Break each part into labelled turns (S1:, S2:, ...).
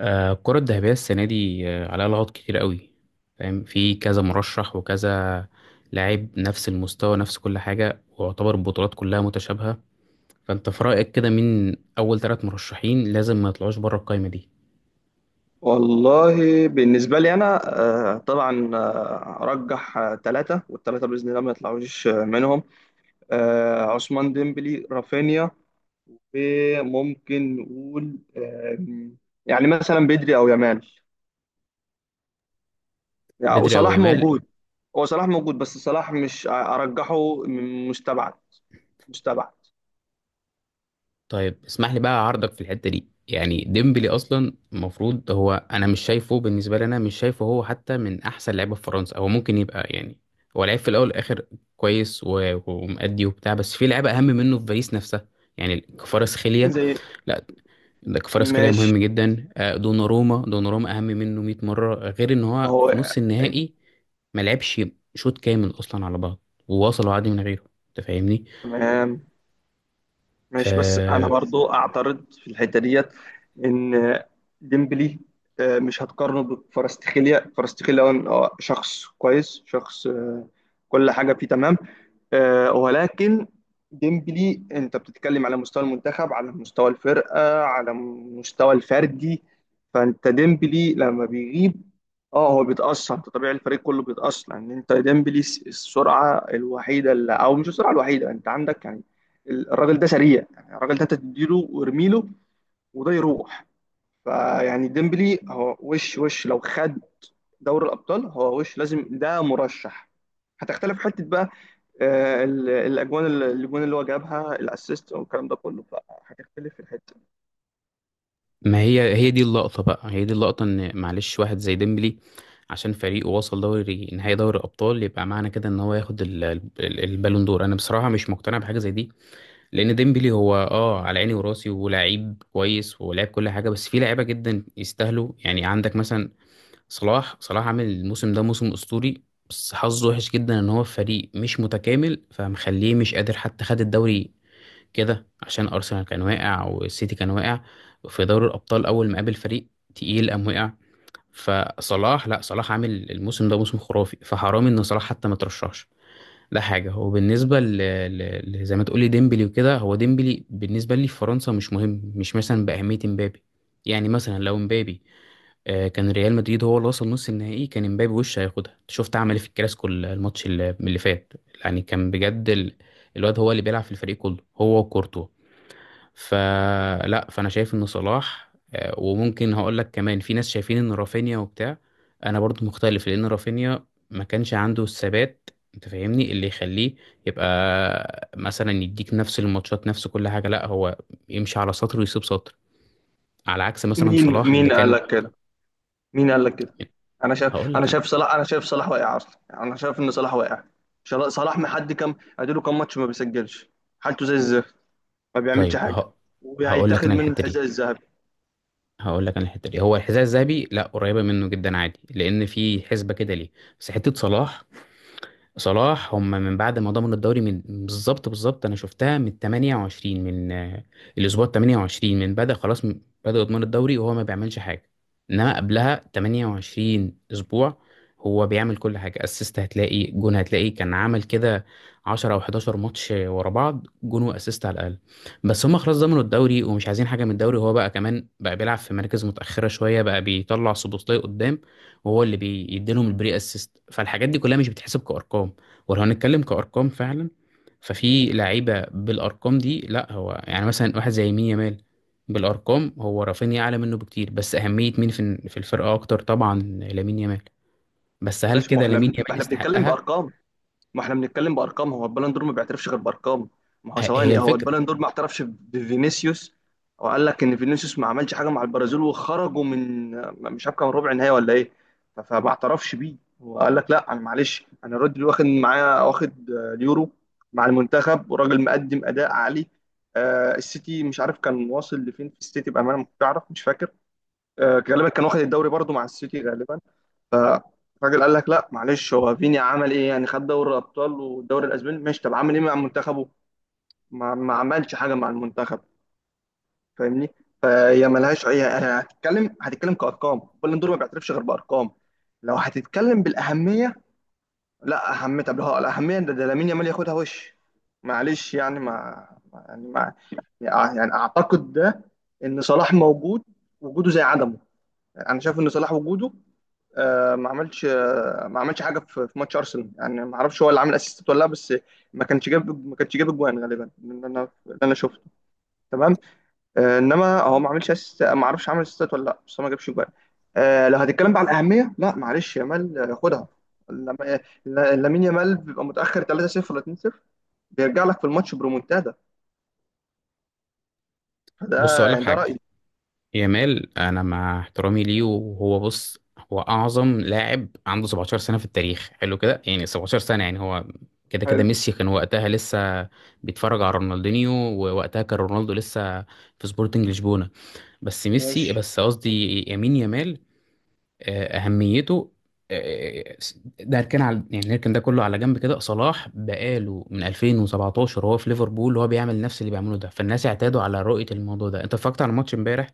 S1: الكرة الذهبية السنة دي عليها لغط كتير قوي. فاهم، في كذا مرشح وكذا لاعب نفس المستوى، نفس كل حاجة، ويعتبر البطولات كلها متشابهة. فأنت في رأيك كده مين أول ثلاث مرشحين لازم ما يطلعوش بره القايمة دي؟
S2: والله بالنسبة لي أنا، طبعا، أرجح ثلاثة والثلاثة بإذن الله ما يطلعوش، منهم عثمان ديمبلي، رافينيا، وممكن نقول يعني مثلا بدري أو يامال، يعني
S1: بدري أو
S2: وصلاح
S1: يامال؟
S2: موجود. هو صلاح موجود، بس صلاح مش أرجحه، من مستبعد. مستبعد.
S1: طيب اسمح لي بقى اعارضك في الحته دي. يعني ديمبلي اصلا المفروض هو، انا مش شايفه، بالنسبه لي انا مش شايفه هو حتى من احسن لعيبه في فرنسا. هو ممكن يبقى يعني، هو لعيب في الاول والاخر كويس ومأدي وبتاع، بس في لعيبه اهم منه في باريس نفسها. يعني كفاراتسخيليا.
S2: زي.
S1: لا، ده كفاراتسخيليا
S2: ماشي.
S1: مهم جدا. دوناروما، اهم منه 100 مره، غير ان
S2: ما
S1: هو
S2: هو
S1: في نص النهائي ما لعبش شوط كامل اصلا على بعض، ووصلوا عادي من غيره. انت فاهمني؟
S2: تمام. ماشي، بس انا
S1: آه،
S2: برضو اعترض في الحته ديت، ان ديمبلي مش هتقارنه بفارستخيليا. فارستخيليا هو شخص كويس، شخص كل حاجه فيه تمام. ولكن ديمبلي انت بتتكلم على مستوى المنتخب، على مستوى الفرقه، على مستوى الفردي. فانت ديمبلي لما بيغيب، اه هو بيتاثر، انت طبيعي الفريق كله بيتاثر، لان انت ديمبلي السرعه الوحيده اللي، او مش السرعه الوحيده، انت عندك يعني الراجل ده سريع، يعني الراجل ده انت تديله وارميله وده يروح. فيعني ديمبلي هو وش، وش لو خد دوري الابطال، هو وش لازم ده مرشح. هتختلف حته بقى. الاجوان اللي هو جابها، الاسيست والكلام ده كله، فهتختلف في الحته.
S1: ما هي دي اللقطة بقى، هي دي اللقطة ان معلش واحد زي ديمبلي عشان فريقه وصل دوري نهائي دوري الأبطال، يبقى معنى كده ان هو ياخد البالون دور؟ انا بصراحة مش مقتنع بحاجة زي دي، لان ديمبلي هو على عيني وراسي ولاعيب كويس ولاعب كل حاجة، بس في لعيبة جدا يستاهلوا. يعني عندك مثلا صلاح. عامل الموسم ده موسم أسطوري، بس حظه وحش جدا ان هو في فريق مش متكامل فمخليه مش قادر حتى خد الدوري كده، عشان ارسنال كان واقع والسيتي كان واقع. في دوري الابطال اول ما قابل فريق تقيل قام وقع. فصلاح لا، صلاح عامل الموسم ده موسم خرافي، فحرام ان صلاح حتى ما ترشحش. ده حاجه. وبالنسبه زي ما تقولي ديمبلي وكده، هو ديمبلي بالنسبه لي في فرنسا مش مهم، مش مثلا باهميه امبابي. يعني مثلا لو امبابي كان ريال مدريد هو اللي وصل نص النهائي، كان امبابي وش هياخدها. شفت عمل إيه في الكلاسيكو الماتش اللي فات؟ يعني كان بجد الواد هو اللي بيلعب في الفريق كله، هو وكورتوا. فلا، فانا شايف ان صلاح، وممكن هقول لك كمان في ناس شايفين ان رافينيا وبتاع. انا برضو مختلف لان رافينيا ما كانش عنده الثبات، انت فاهمني؟ اللي يخليه يبقى مثلا يديك نفس الماتشات نفس كل حاجه. لا، هو يمشي على سطر ويسيب سطر، على عكس مثلا
S2: مين
S1: صلاح اللي
S2: مين قال
S1: كان.
S2: لك كده؟ مين قال لك كده؟ انا
S1: هقول
S2: شايف انا
S1: لك انا
S2: شايف صلاح. انا شايف صلاح واقع اصلا. يعني انا شايف ان صلاح واقع. صلاح محد، كام اديله كام ماتش ما بيسجلش؟ حالته زي الزفت. ما بيعملش
S1: طيب
S2: حاجه.
S1: ه... هقول لك
S2: وهيتاخد
S1: انا
S2: منه
S1: الحته
S2: الحذاء
S1: دي.
S2: الذهبي.
S1: هو الحذاء الذهبي لا، قريبه منه جدا عادي، لان في حسبه كده ليه. بس حته صلاح، هم من بعد ما ضمنوا الدوري من بالظبط بالظبط انا شفتها من 28 من الاسبوع 28 من بدأ خلاص بدأوا يضمنوا الدوري وهو ما بيعملش حاجه. انما قبلها 28 اسبوع هو بيعمل كل حاجه، اسيست هتلاقي، جون هتلاقي، كان عمل كده 10 او 11 ماتش ورا بعض جون واسيست على الاقل. بس هم خلاص ضمنوا الدوري ومش عايزين حاجه من الدوري، هو بقى كمان بقى بيلعب في مراكز متاخره شويه، بقى بيطلع سوبوسلاي قدام وهو اللي بيديلهم البري اسيست. فالحاجات دي كلها مش بتحسب كارقام. ولو هنتكلم كارقام فعلا، ففي لعيبه بالارقام دي لا هو، يعني مثلا واحد زي مين؟ يامال. بالارقام هو رافينيا اعلى منه بكتير، بس اهميه مين في الفرقه اكتر؟ طبعا لامين يامال. بس هل
S2: ماشي. ما
S1: كده
S2: احنا
S1: لامين
S2: ما
S1: يامال
S2: احنا بنتكلم
S1: يستحقها؟
S2: بارقام. ما احنا بنتكلم بارقام. هو البالون دور ما بيعترفش غير بارقام. ما هو
S1: هي
S2: ثواني، هو
S1: الفكره.
S2: البالون دور ما اعترفش بفينيسيوس، وقال لك ان فينيسيوس ما عملش حاجه مع البرازيل، وخرجوا من، مش عارف كان ربع نهائي ولا ايه. فما اعترفش بيه، وقال لك لا انا معلش، انا رودري واخد معايا، واخد اليورو مع المنتخب، وراجل مقدم اداء عالي. السيتي، مش عارف كان واصل لفين في السيتي، بامانه ما كنتش اعرف، مش فاكر. غالبا كان واخد الدوري برضو مع السيتي، غالبا. فالراجل قال لك لا معلش، هو فيني عمل ايه؟ يعني خد دوري الابطال والدوري الاسباني ماشي، طب عمل ايه مع منتخبه؟ ما عملش حاجه مع المنتخب. فاهمني؟ فهي ملهاش اي، هتتكلم كارقام، بالون دور ما بيعترفش غير بارقام. لو هتتكلم بالاهميه، لا اهميه، طب هو الاهميه ده لامين يامال ياخدها وش؟ معلش يعني، ما يعني اعتقد ده، ان صلاح موجود وجوده زي عدمه. انا شايف ان صلاح وجوده ما عملش حاجه، في ماتش ارسنال، يعني ما اعرفش هو اللي عامل اسيست ولا لا، بس ما كانش جاب اجوان غالبا، اللي انا شفته. تمام. انما هو ما عملش اسيست، ما اعرفش عمل اسيستات ولا لا، بس هو ما جابش اجوان. لو هتتكلم بقى على الاهميه، لا معلش يامال خدها. لما- لامين يامال بيبقى متاخر 3-0 ولا 2-0، بيرجع لك في الماتش برومونتادا.
S1: بص
S2: فده
S1: اقول لك
S2: يعني، ده
S1: حاجه،
S2: رايي.
S1: يامال انا مع احترامي ليه وهو بص، هو اعظم لاعب عنده 17 سنه في التاريخ. حلو كده. يعني 17 سنه، يعني هو كده كده
S2: حلو.
S1: ميسي كان وقتها لسه بيتفرج على رونالدينيو، ووقتها كان رونالدو لسه في سبورتنج لشبونه، بس ميسي
S2: ماشي
S1: بس قصدي. يمين يامال، اهميته، آه، ده هنركن على، يعني نركن ده كله على جنب كده. صلاح بقاله من 2017 وهو في ليفربول وهو بيعمل نفس اللي بيعمله ده، فالناس اعتادوا على رؤية الموضوع ده. انت اتفرجت على ماتش امبارح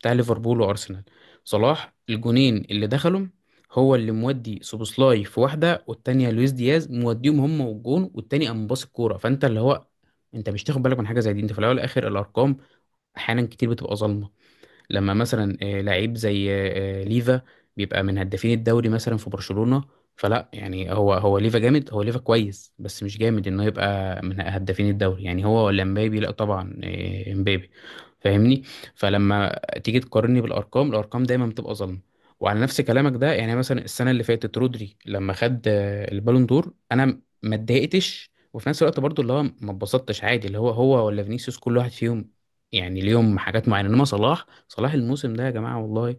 S1: بتاع ليفربول وارسنال؟ صلاح الجونين اللي دخلهم، هو اللي مودي سوبوسلاي في واحدة والتانية لويس دياز، موديهم هم، والجون والتاني قام باص الكورة. فانت اللي هو، انت مش تاخد بالك من حاجة زي دي. انت في الاول والاخر الارقام احيانا كتير بتبقى ظالمة. لما مثلا لعيب زي ليفا بيبقى من هدافين الدوري مثلا في برشلونة، فلا يعني هو ليفا جامد. هو ليفا كويس، بس مش جامد انه يبقى من هدافين الدوري. يعني هو ولا مبابي؟ لا طبعا، مبابي. فاهمني؟ فلما تيجي تقارني بالارقام، الارقام دايما بتبقى ظلم. وعلى نفس كلامك ده، يعني مثلا السنه اللي فاتت رودري لما خد البالون دور، انا ما اتضايقتش، وفي نفس الوقت برضو اللي هو ما اتبسطتش عادي، اللي هو ولا فينيسيوس كل واحد فيهم يعني ليهم حاجات معينه. انما صلاح، الموسم ده يا جماعه والله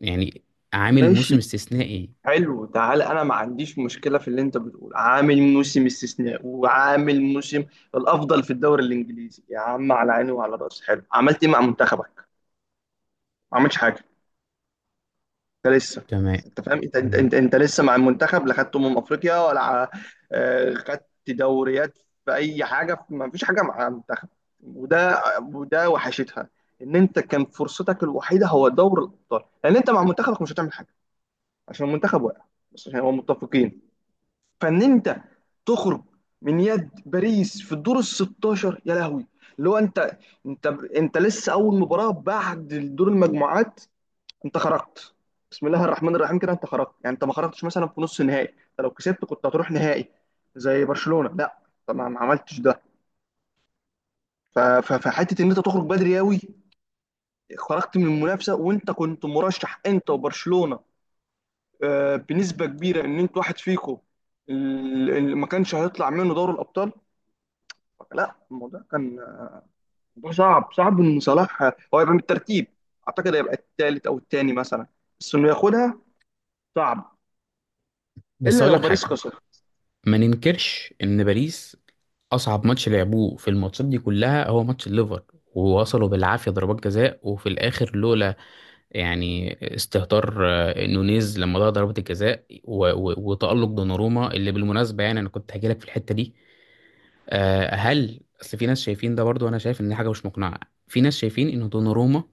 S1: يعني عامل موسم
S2: ماشي.
S1: استثنائي.
S2: حلو. تعالى انا ما عنديش مشكله في اللي انت بتقول، عامل موسم استثناء، وعامل موسم الافضل في الدوري الانجليزي، يا عم على عيني وعلى راسي، حلو. عملت ايه مع منتخبك؟ ما عملتش حاجه. انت لسه،
S1: تمام.
S2: انت فاهم؟ انت انت
S1: تمام.
S2: انت, انت لسه مع المنتخب، لا خدت افريقيا، ولا خدت دوريات في اي حاجه؟ ما فيش حاجه مع المنتخب. وده وده وحشتها، ان انت كان فرصتك الوحيده هو دور الابطال، لان انت مع منتخبك مش هتعمل حاجه، عشان المنتخب واقع، بس عشان هو متفقين. فان انت تخرج من يد باريس في الدور ال 16، يا لهوي! اللي هو انت، انت انت لسه اول مباراه بعد دور المجموعات، انت خرجت. بسم الله الرحمن الرحيم. كده انت خرجت، يعني انت ما خرجتش مثلا في نص النهائي. انت لو كسبت كنت هتروح نهائي زي برشلونه، لا طبعا ما عملتش ده. فحته ان انت تخرج بدري قوي، خرجت من المنافسه وانت كنت مرشح، انت وبرشلونه بنسبه كبيره ان انت واحد فيكم اللي ما كانش هيطلع منه دوري الابطال. لا الموضوع كان موضوع صعب. صعب ان صلاح هو يبقى من الترتيب. اعتقد هيبقى الثالث او الثاني مثلا، بس انه ياخدها صعب،
S1: بس
S2: الا
S1: اقول
S2: لو
S1: لك
S2: باريس
S1: حاجه،
S2: خسر.
S1: ما ننكرش ان باريس اصعب ماتش لعبوه في الماتشات دي كلها هو ماتش الليفر. ووصلوا بالعافيه، ضربات جزاء، وفي الاخر لولا يعني استهتار نونيز لما ضيع ضربه الجزاء وتالق دوناروما اللي بالمناسبه، يعني انا كنت هجيلك في الحته دي. هل اصل في ناس شايفين، ده برضو انا شايف ان دي حاجه مش مقنعه، في ناس شايفين ان دوناروما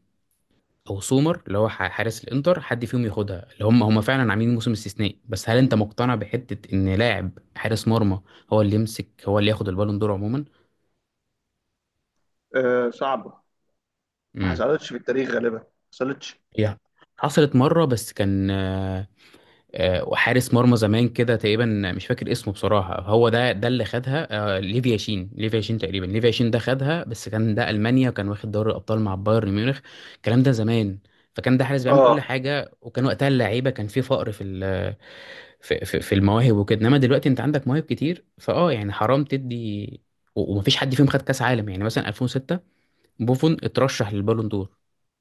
S1: او سومر اللي هو حارس الانتر حد فيهم ياخدها، اللي هم فعلا عاملين موسم استثنائي. بس هل انت مقتنع بحته ان لاعب حارس مرمى هو اللي يمسك، هو اللي ياخد البالون دور عموما؟
S2: آه، صعبه. ما
S1: امم.
S2: حصلتش في التاريخ غالبا، ما حصلتش.
S1: هي حصلت مره بس كان حارس مرمى زمان كده تقريبا، مش فاكر اسمه بصراحه. هو ده اللي خدها، ليفيا شين. تقريبا ليفيا شين ده خدها، بس كان ده المانيا وكان واخد دوري الابطال مع بايرن ميونخ. الكلام ده زمان، فكان ده حارس بيعمل
S2: اه
S1: كل حاجه، وكان وقتها اللعيبه كان في فقر في في المواهب وكده. انما دلوقتي انت عندك مواهب كتير يعني حرام تدي. ومفيش حد فيهم خد كاس عالم، يعني مثلا 2006 بوفون اترشح للبالون دور،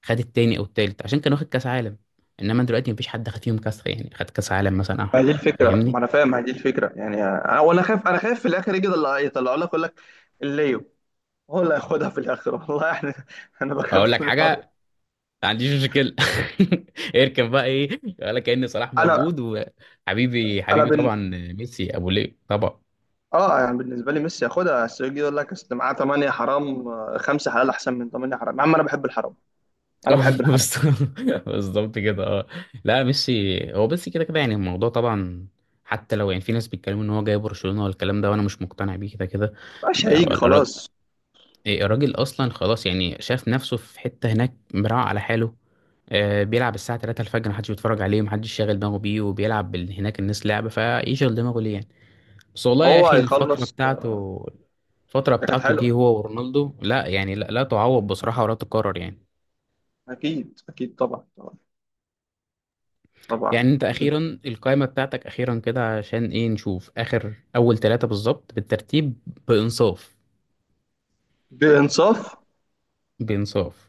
S1: خد التاني او التالت عشان كان واخد كاس عالم. انما دلوقتي مفيش حد خد فيهم كاس، يعني خد كاس عالم مثلا او
S2: ما دي
S1: حاجه،
S2: الفكره،
S1: فاهمني؟
S2: ما انا فاهم. ما دي الفكره يعني، انا وانا خايف، انا خايف في الاخر يجي اللي يطلعوا لك يقول لك الليو هو اللي هياخدها في الاخر، والله احنا انا
S1: اقول
S2: بخاف
S1: لك
S2: من الحوار.
S1: حاجه، ما عنديش مشكله. اركب بقى ايه، ولا كأن صلاح
S2: انا
S1: موجود؟ وحبيبي
S2: انا
S1: حبيبي طبعا، ميسي ابو ليه طبعا.
S2: اه يعني بالنسبه لي ميسي ياخدها، بس يجي يقول لك اصل معاه 8 حرام، خمسه حلال احسن من 8 حرام يا عم. انا بحب الحرام، انا
S1: اه.
S2: بحب
S1: بس
S2: الحركه.
S1: بالظبط كده اه. لا ميسي هو بس كده كده يعني الموضوع طبعا، حتى لو يعني في ناس بيتكلموا ان هو جاي برشلونة والكلام ده وانا مش مقتنع بيه كده كده.
S2: مش
S1: بقى
S2: هيجي خلاص.
S1: إيه، الراجل اصلا خلاص يعني، شاف نفسه في حتة هناك مراعي على حاله. بيلعب الساعة 3 الفجر محدش بيتفرج عليه، محدش شاغل دماغه بيه، وبيلعب هناك الناس لعبة، فيشغل دماغه ليه يعني؟ بس والله يا
S2: هو
S1: اخي الفترة
S2: هيخلص.
S1: بتاعته،
S2: هي كانت حلوه.
S1: دي هو ورونالدو لا يعني لا تعوض بصراحة ولا تكرر يعني.
S2: اكيد اكيد، طبعا طبعا طبعا،
S1: يعني انت اخيرا القائمه بتاعتك اخيرا كده عشان ايه نشوف اخر، اول ثلاثه بالظبط بالترتيب بانصاف.
S2: بانصاف.
S1: بانصاف.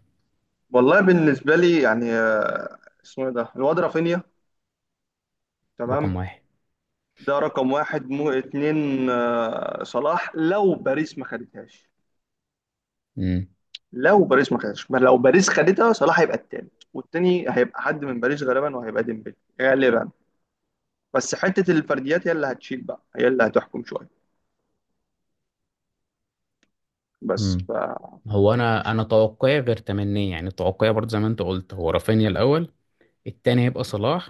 S2: والله بالنسبه لي يعني اسمه ايه ده الواد؟ رافينيا. تمام.
S1: رقم واحد.
S2: ده رقم واحد، مو اتنين صلاح، لو باريس ما خدتهاش.
S1: امم.
S2: لو باريس ما خدتهاش ما لو باريس خدتها، صلاح هيبقى التالت، والتاني هيبقى حد من باريس غالبا، وهيبقى ديمبلي غالبا. بس حته الفرديات هي اللي هتشيل بقى، هي اللي هتحكم شويه. بس
S1: امم.
S2: ف
S1: هو انا، توقعي غير تمنيه، يعني توقعي برضه زي ما انت قلت هو رافينيا الاول. التاني هيبقى صلاح،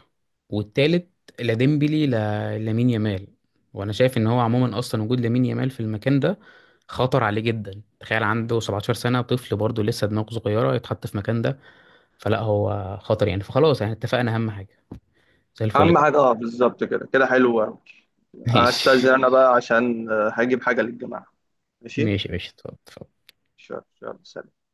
S1: والتالت لا ديمبلي، لا لامين يامال. وانا شايف ان هو عموما اصلا وجود لامين يامال في المكان ده خطر عليه جدا. تخيل عنده 17 سنه، طفل برضه لسه دماغه صغيره، يتحط في مكان ده. فلا، هو خطر يعني. فخلاص يعني اتفقنا. اهم حاجه زي الفل
S2: اهم
S1: كده.
S2: حاجه اه، بالظبط كده كده، حلو أوي.
S1: ماشي.
S2: هستأذن انا بقى عشان هجيب حاجه للجماعه. ماشي.
S1: ماشي. ماشي اتفضل، اتفضل.
S2: شكرا شكرا. سلام.